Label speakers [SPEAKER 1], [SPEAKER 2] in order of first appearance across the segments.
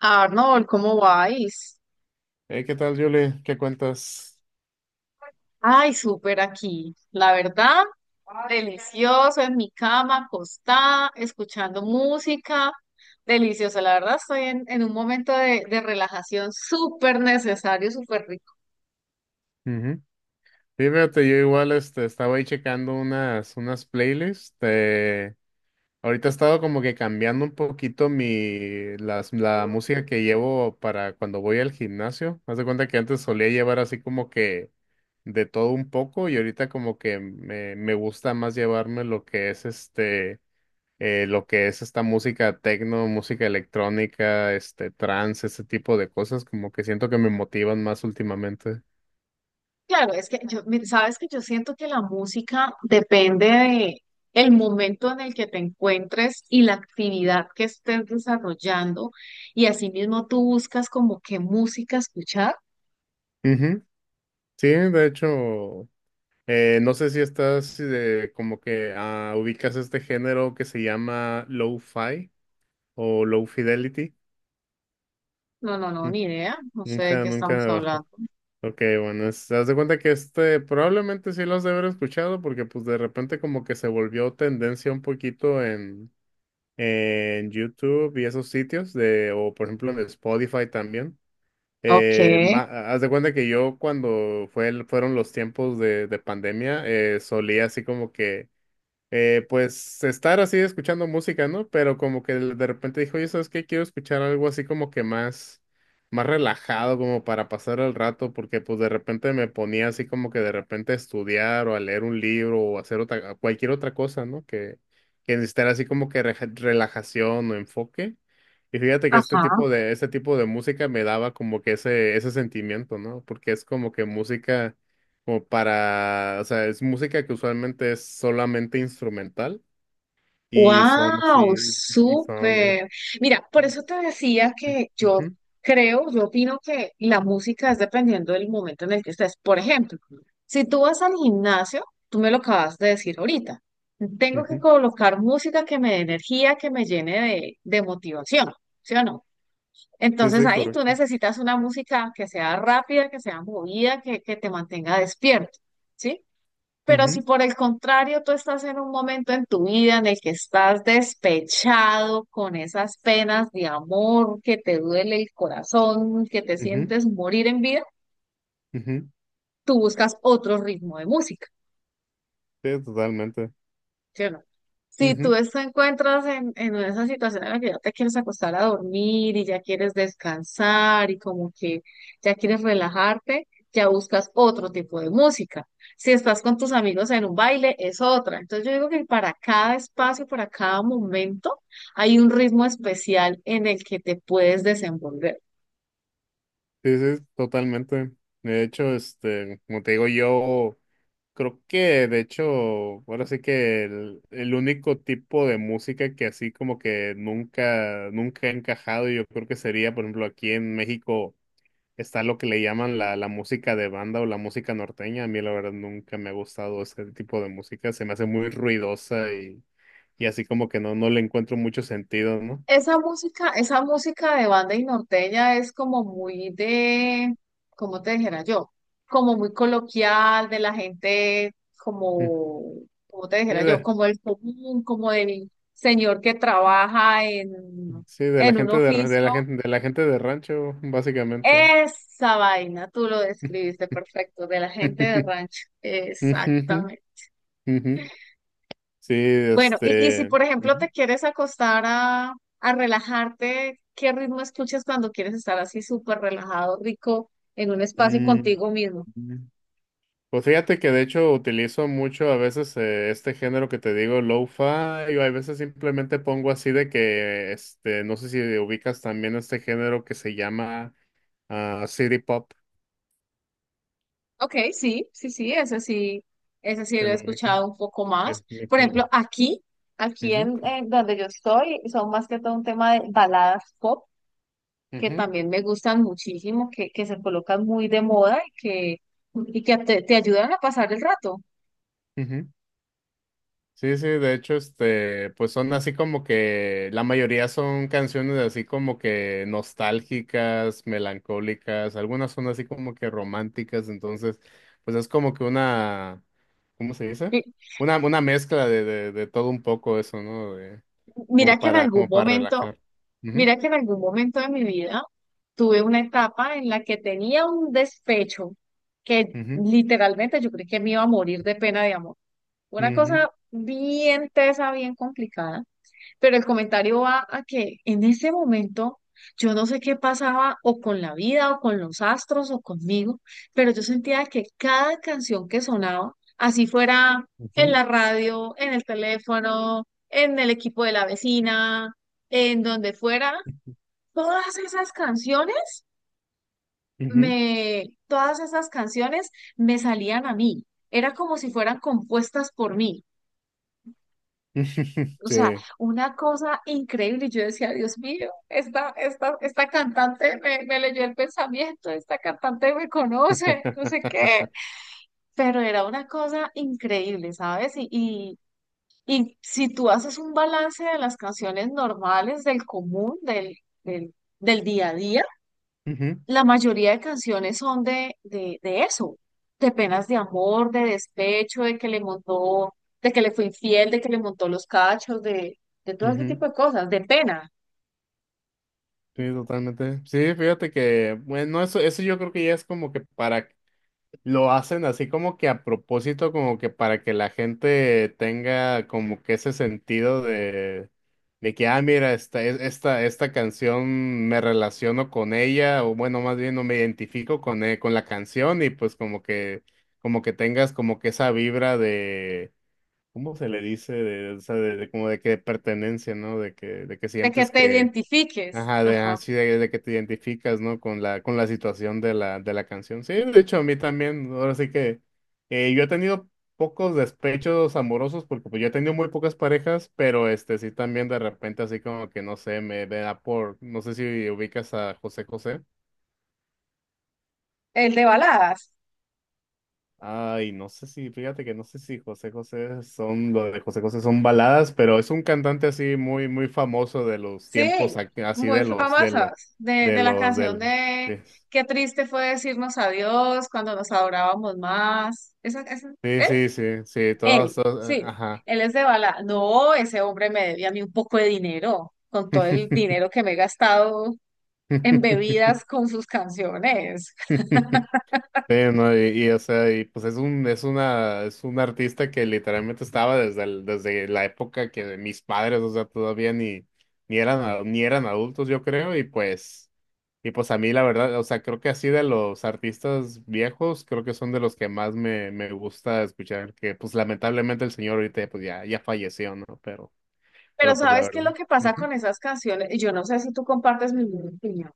[SPEAKER 1] Arnold, ¿cómo vais?
[SPEAKER 2] Hey, ¿qué tal, Julie? ¿Qué cuentas?
[SPEAKER 1] Ay, súper aquí. La verdad, delicioso en mi cama, acostada, escuchando música. Delicioso, la verdad, estoy en un momento de relajación súper necesario, súper rico.
[SPEAKER 2] Ujú. Sí, fíjate, yo igual estaba ahí checando unas playlists. Ahorita he estado como que cambiando un poquito la música que llevo para cuando voy al gimnasio. Haz de cuenta que antes solía llevar así como que de todo un poco y ahorita como que me gusta más llevarme lo que es lo que es esta música techno, música electrónica, este trance, ese tipo de cosas, como que siento que me motivan más últimamente.
[SPEAKER 1] Claro, es que yo, mira, sabes que yo siento que la música depende de el momento en el que te encuentres y la actividad que estés desarrollando, y asimismo tú buscas como qué música escuchar.
[SPEAKER 2] Ujú. Sí, de hecho, no sé si estás como que ubicas este género que se llama lo-fi o low fidelity.
[SPEAKER 1] No, no, no,
[SPEAKER 2] Nun-
[SPEAKER 1] ni idea. No sé de
[SPEAKER 2] Nunca,
[SPEAKER 1] qué estamos
[SPEAKER 2] nunca.
[SPEAKER 1] hablando.
[SPEAKER 2] Ok, bueno, haz de cuenta que este probablemente sí los has de haber escuchado porque pues de repente como que se volvió tendencia un poquito en YouTube y esos sitios de, o por ejemplo en Spotify también.
[SPEAKER 1] Ok,
[SPEAKER 2] Eh, ma- Haz de cuenta que yo cuando fueron los tiempos de pandemia, solía así como que pues estar así escuchando música, ¿no? Pero como que de repente dijo, oye, ¿sabes qué? Quiero escuchar algo así como que más, más relajado, como para pasar el rato, porque pues de repente me ponía así como que de repente a estudiar o a leer un libro o a hacer otra, cualquier otra cosa, ¿no? Que necesitara así como que relajación o enfoque. Y fíjate que
[SPEAKER 1] ajá.
[SPEAKER 2] este tipo de música me daba como que ese sentimiento, ¿no? Porque es como que música como para, o sea, es música que usualmente es solamente instrumental y son
[SPEAKER 1] Wow,
[SPEAKER 2] así, y son,
[SPEAKER 1] súper. Mira, por eso te decía que yo
[SPEAKER 2] ujú,
[SPEAKER 1] creo, yo opino que la música es dependiendo del momento en el que estés. Por ejemplo, si tú vas al gimnasio, tú me lo acabas de decir ahorita. Tengo que
[SPEAKER 2] ujú.
[SPEAKER 1] colocar música que me dé energía, que me llene de motivación, ¿sí o no?
[SPEAKER 2] Sí,
[SPEAKER 1] Entonces
[SPEAKER 2] sí,
[SPEAKER 1] ahí tú
[SPEAKER 2] correcto.
[SPEAKER 1] necesitas una música que sea rápida, que sea movida, que te mantenga despierto. ¿Sí? Pero si
[SPEAKER 2] Ujú,
[SPEAKER 1] por el contrario tú estás en un momento en tu vida en el que estás despechado con esas penas de amor, que te duele el corazón, que te
[SPEAKER 2] ujú,
[SPEAKER 1] sientes morir en vida,
[SPEAKER 2] ujú.
[SPEAKER 1] tú buscas otro ritmo de música.
[SPEAKER 2] Sí, totalmente.
[SPEAKER 1] ¿Sí o no? Si tú
[SPEAKER 2] Ujú.
[SPEAKER 1] te encuentras en esa situación en la que ya te quieres acostar a dormir y ya quieres descansar y como que ya quieres relajarte, ya buscas otro tipo de música. Si estás con tus amigos en un baile, es otra. Entonces yo digo que para cada espacio, para cada momento, hay un ritmo especial en el que te puedes desenvolver.
[SPEAKER 2] Sí, sí, totalmente. De hecho, este, como te digo, yo creo que, de hecho, ahora sí que el único tipo de música que así como que nunca, nunca he encajado, yo creo que sería, por ejemplo, aquí en México está lo que le llaman la música de banda o la música norteña. A mí la verdad nunca me ha gustado ese tipo de música. Se me hace muy ruidosa y así como que no, no le encuentro mucho sentido, ¿no?
[SPEAKER 1] Esa música de banda y norteña es como muy de, ¿cómo te dijera yo? Como muy coloquial, de la gente,
[SPEAKER 2] Mm.
[SPEAKER 1] como, ¿cómo te
[SPEAKER 2] Sí,
[SPEAKER 1] dijera yo? Como el común, como el señor que trabaja
[SPEAKER 2] sí, de la
[SPEAKER 1] en un
[SPEAKER 2] gente
[SPEAKER 1] oficio.
[SPEAKER 2] de la gente de rancho, básicamente.
[SPEAKER 1] Esa vaina, tú lo describiste perfecto, de la gente de rancho.
[SPEAKER 2] Ujú,
[SPEAKER 1] Exactamente.
[SPEAKER 2] ujú. Sí,
[SPEAKER 1] Bueno, y si
[SPEAKER 2] este.
[SPEAKER 1] por ejemplo
[SPEAKER 2] Ujú.
[SPEAKER 1] te quieres acostar a relajarte, ¿qué ritmo escuchas cuando quieres estar así súper relajado, rico, en un espacio
[SPEAKER 2] Mm,
[SPEAKER 1] contigo mismo?
[SPEAKER 2] mm. Pues fíjate que de hecho utilizo mucho a veces este género que te digo, lo-fi, o a veces simplemente pongo así de que, este, no sé si ubicas también este género que se llama City Pop,
[SPEAKER 1] Ok, sí, sí, sí, ese sí, ese sí lo
[SPEAKER 2] ¿te
[SPEAKER 1] he
[SPEAKER 2] lo ubicas?
[SPEAKER 1] escuchado un poco más.
[SPEAKER 2] Es mi-
[SPEAKER 1] Por
[SPEAKER 2] mi-
[SPEAKER 1] ejemplo, aquí, aquí
[SPEAKER 2] Ujú,
[SPEAKER 1] en donde yo estoy, son más que todo un tema de baladas pop, que
[SPEAKER 2] ujú,
[SPEAKER 1] también me gustan muchísimo, que se colocan muy de moda y que te ayudan a pasar el rato.
[SPEAKER 2] ujú. Sí, sí, de hecho, este, pues son así como que la mayoría son canciones así como que nostálgicas, melancólicas, algunas son así como que románticas, entonces, pues es como que una, ¿cómo se dice?
[SPEAKER 1] Y
[SPEAKER 2] Una mezcla de todo un poco eso, ¿no? De,
[SPEAKER 1] Mira
[SPEAKER 2] como
[SPEAKER 1] que en
[SPEAKER 2] para,
[SPEAKER 1] algún
[SPEAKER 2] como para
[SPEAKER 1] momento
[SPEAKER 2] relajar.
[SPEAKER 1] De mi vida tuve una etapa en la que tenía un despecho que
[SPEAKER 2] Ujú,
[SPEAKER 1] literalmente yo creí que me iba a morir de pena de amor. Una
[SPEAKER 2] ujú,
[SPEAKER 1] cosa bien tesa, bien complicada, pero el comentario va a que en ese momento yo no sé qué pasaba o con la vida o con los astros o conmigo, pero yo sentía que cada canción que sonaba, así fuera en
[SPEAKER 2] ujú,
[SPEAKER 1] la radio, en el teléfono, en el equipo de la vecina, en donde fuera todas esas canciones
[SPEAKER 2] ujú,
[SPEAKER 1] me, todas esas canciones me salían a mí. Era como si fueran compuestas por mí.
[SPEAKER 2] ujú.
[SPEAKER 1] O sea,
[SPEAKER 2] Sí.
[SPEAKER 1] una cosa increíble. Yo decía, Dios mío, esta cantante me, me leyó el pensamiento, esta cantante me conoce, no sé qué. Pero era una cosa increíble, ¿sabes? Y si tú haces un balance de las canciones normales, del común, del día a día,
[SPEAKER 2] Ujú,
[SPEAKER 1] la mayoría de canciones son de eso, de penas de amor, de despecho, de que le montó, de que le fue infiel, de que le montó los cachos, de todo ese
[SPEAKER 2] ujú.
[SPEAKER 1] tipo de cosas, de pena,
[SPEAKER 2] Sí, totalmente. Sí, fíjate que, bueno, eso yo creo que ya es como que para, lo hacen así como que a propósito, como que para que la gente tenga como que ese sentido de que, ah, mira, esta canción me relaciono con ella, o bueno, más bien no me identifico con la canción y pues como que tengas como que esa vibra de, ¿cómo se le dice? De, o sea, de como de que pertenencia, ¿no? De que
[SPEAKER 1] de que
[SPEAKER 2] sientes
[SPEAKER 1] te identifiques.
[SPEAKER 2] ajá, de,
[SPEAKER 1] Ajá.
[SPEAKER 2] así de que te identificas, ¿no? Con la situación de la canción. Sí, de hecho, a mí también, ahora sí que yo he tenido pocos despechos amorosos porque pues yo he tenido muy pocas parejas, pero este sí también de repente así como que no sé, me da por, no sé si ubicas a José José.
[SPEAKER 1] El de baladas,
[SPEAKER 2] Ay, no sé si, fíjate que no sé si José José son, lo de José José son baladas, pero es un cantante así muy, muy famoso de los
[SPEAKER 1] sí,
[SPEAKER 2] tiempos, así
[SPEAKER 1] muy famosas, de,
[SPEAKER 2] de
[SPEAKER 1] de la
[SPEAKER 2] los,
[SPEAKER 1] canción
[SPEAKER 2] del...
[SPEAKER 1] de
[SPEAKER 2] sí.
[SPEAKER 1] qué triste fue decirnos adiós cuando nos adorábamos más. Esa,
[SPEAKER 2] Sí, sí, sí, sí,
[SPEAKER 1] él,
[SPEAKER 2] todos, todos,
[SPEAKER 1] sí,
[SPEAKER 2] ajá.
[SPEAKER 1] él es de bala. No, ese hombre me debía a mí un poco de dinero, con todo el dinero que me he gastado en bebidas con sus canciones.
[SPEAKER 2] Sí, no, y, o sea, y pues es un, es una, es un artista que literalmente estaba desde la época que mis padres, o sea, todavía ni, ni eran, ni eran adultos, yo creo, y pues a mí la verdad, o sea, creo que así de los artistas viejos, creo que son de los que más me gusta escuchar, que pues lamentablemente el señor ahorita pues ya, ya falleció, ¿no?
[SPEAKER 1] Pero
[SPEAKER 2] Pero pues la
[SPEAKER 1] ¿sabes qué es
[SPEAKER 2] verdad.
[SPEAKER 1] lo que pasa
[SPEAKER 2] Ujú.
[SPEAKER 1] con esas canciones? Yo no sé si tú compartes mi misma opinión.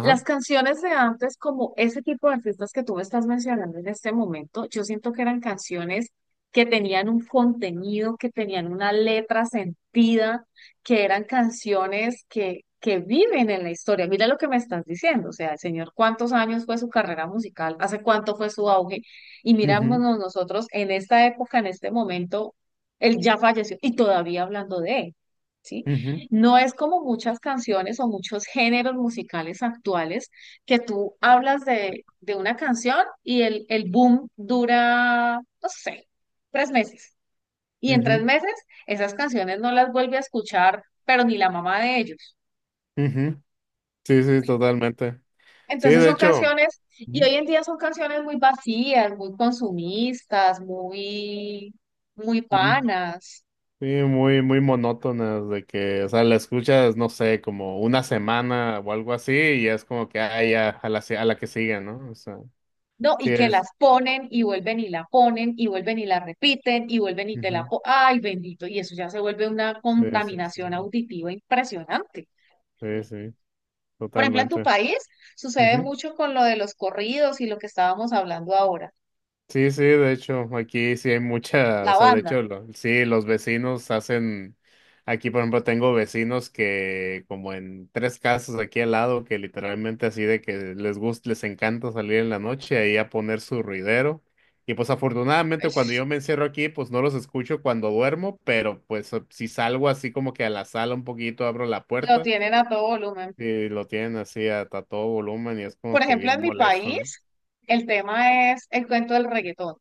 [SPEAKER 1] Las canciones de antes, como ese tipo de artistas que tú me estás mencionando en este momento, yo siento que eran canciones que tenían un contenido, que tenían una letra sentida, que eran canciones que viven en la historia. Mira lo que me estás diciendo, o sea, el señor, ¿cuántos años fue su carrera musical? ¿Hace cuánto fue su auge? Y
[SPEAKER 2] Ujú,
[SPEAKER 1] mirámonos nosotros en esta época, en este momento, él ya falleció y todavía hablando de él. ¿Sí?
[SPEAKER 2] ujú.
[SPEAKER 1] No es como muchas canciones o muchos géneros musicales actuales que tú hablas de una canción y el boom dura, no sé, 3 meses. Y en tres
[SPEAKER 2] Ujú,
[SPEAKER 1] meses esas canciones no las vuelve a escuchar, pero ni la mamá de ellos.
[SPEAKER 2] ujú. Sí, sí, totalmente. Sí,
[SPEAKER 1] Entonces
[SPEAKER 2] de
[SPEAKER 1] son
[SPEAKER 2] hecho,
[SPEAKER 1] canciones, y
[SPEAKER 2] ujú,
[SPEAKER 1] hoy en día son canciones muy vacías, muy consumistas, muy, muy
[SPEAKER 2] muy-
[SPEAKER 1] vanas.
[SPEAKER 2] sí, muy, muy monótonas de que, o sea, la escuchas, no sé, como una semana o algo así, y es como que, ah, ya, a la que sigue, ¿no? O sea,
[SPEAKER 1] No,
[SPEAKER 2] sí
[SPEAKER 1] y que
[SPEAKER 2] es.
[SPEAKER 1] las ponen y vuelven y la ponen y vuelven y la repiten y vuelven y te la
[SPEAKER 2] Ujú.
[SPEAKER 1] po- ¡ay, bendito! Y eso ya se vuelve una
[SPEAKER 2] Sí, sí, sí,
[SPEAKER 1] contaminación auditiva impresionante.
[SPEAKER 2] sí, sí,
[SPEAKER 1] Por ejemplo, en tu
[SPEAKER 2] totalmente.
[SPEAKER 1] país sucede mucho con lo de los corridos y lo que estábamos hablando ahora.
[SPEAKER 2] Sí, sí, de hecho, aquí sí hay mucha,
[SPEAKER 1] La
[SPEAKER 2] o sea, de
[SPEAKER 1] banda,
[SPEAKER 2] hecho, sí, los vecinos hacen, aquí por ejemplo tengo vecinos que como en tres casas aquí al lado, que literalmente así de que les gusta, les encanta salir en la noche ahí a poner su ruidero. Y pues afortunadamente cuando
[SPEAKER 1] ¡ay!
[SPEAKER 2] yo me encierro aquí, pues no los escucho cuando duermo, pero pues si salgo así como que a la sala un poquito, abro la
[SPEAKER 1] Lo
[SPEAKER 2] puerta
[SPEAKER 1] tienen a todo volumen.
[SPEAKER 2] y lo tienen así a todo volumen y es
[SPEAKER 1] Por
[SPEAKER 2] como que
[SPEAKER 1] ejemplo, en
[SPEAKER 2] bien
[SPEAKER 1] mi
[SPEAKER 2] molesto, ¿no?
[SPEAKER 1] país, el tema es el cuento del reggaetón.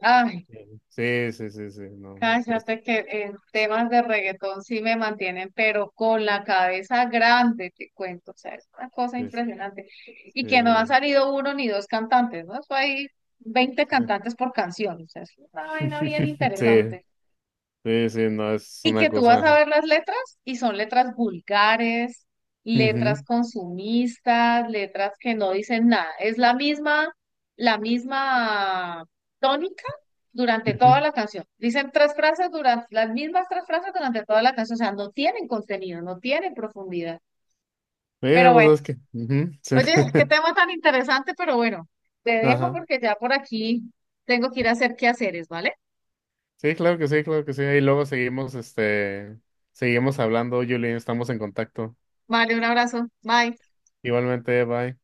[SPEAKER 1] Ay,
[SPEAKER 2] Sí, sí, sí, sí, sí, no. Pues,
[SPEAKER 1] cállate que en temas de reggaetón sí me mantienen, pero con la cabeza grande, te cuento. O sea, es una cosa
[SPEAKER 2] sí,
[SPEAKER 1] impresionante. Y que no han
[SPEAKER 2] Eh,
[SPEAKER 1] salido uno ni dos cantantes, ¿no? Eso hay 20 cantantes por canción. O sea, es una vaina bien
[SPEAKER 2] Sí,
[SPEAKER 1] interesante.
[SPEAKER 2] sí, sí, no, es
[SPEAKER 1] Y
[SPEAKER 2] una
[SPEAKER 1] que tú vas a
[SPEAKER 2] cosa.
[SPEAKER 1] ver las letras y son letras vulgares, letras
[SPEAKER 2] Ujú,
[SPEAKER 1] consumistas, letras que no dicen nada. Es la misma tónica durante
[SPEAKER 2] ujú.
[SPEAKER 1] toda la canción. Dicen tres frases durante, las mismas tres frases durante toda la canción. O sea, no tienen contenido, no tienen profundidad. Pero bueno,
[SPEAKER 2] Pues es que. Ujú, sí.
[SPEAKER 1] oye, qué tema tan interesante, pero bueno, te dejo
[SPEAKER 2] Ajá.
[SPEAKER 1] porque ya por aquí tengo que ir a hacer quehaceres, ¿vale?
[SPEAKER 2] Sí, claro que sí, claro que sí. Y luego seguimos, este, seguimos hablando, Julian, estamos en contacto.
[SPEAKER 1] Vale, un abrazo. Bye.
[SPEAKER 2] Igualmente, bye.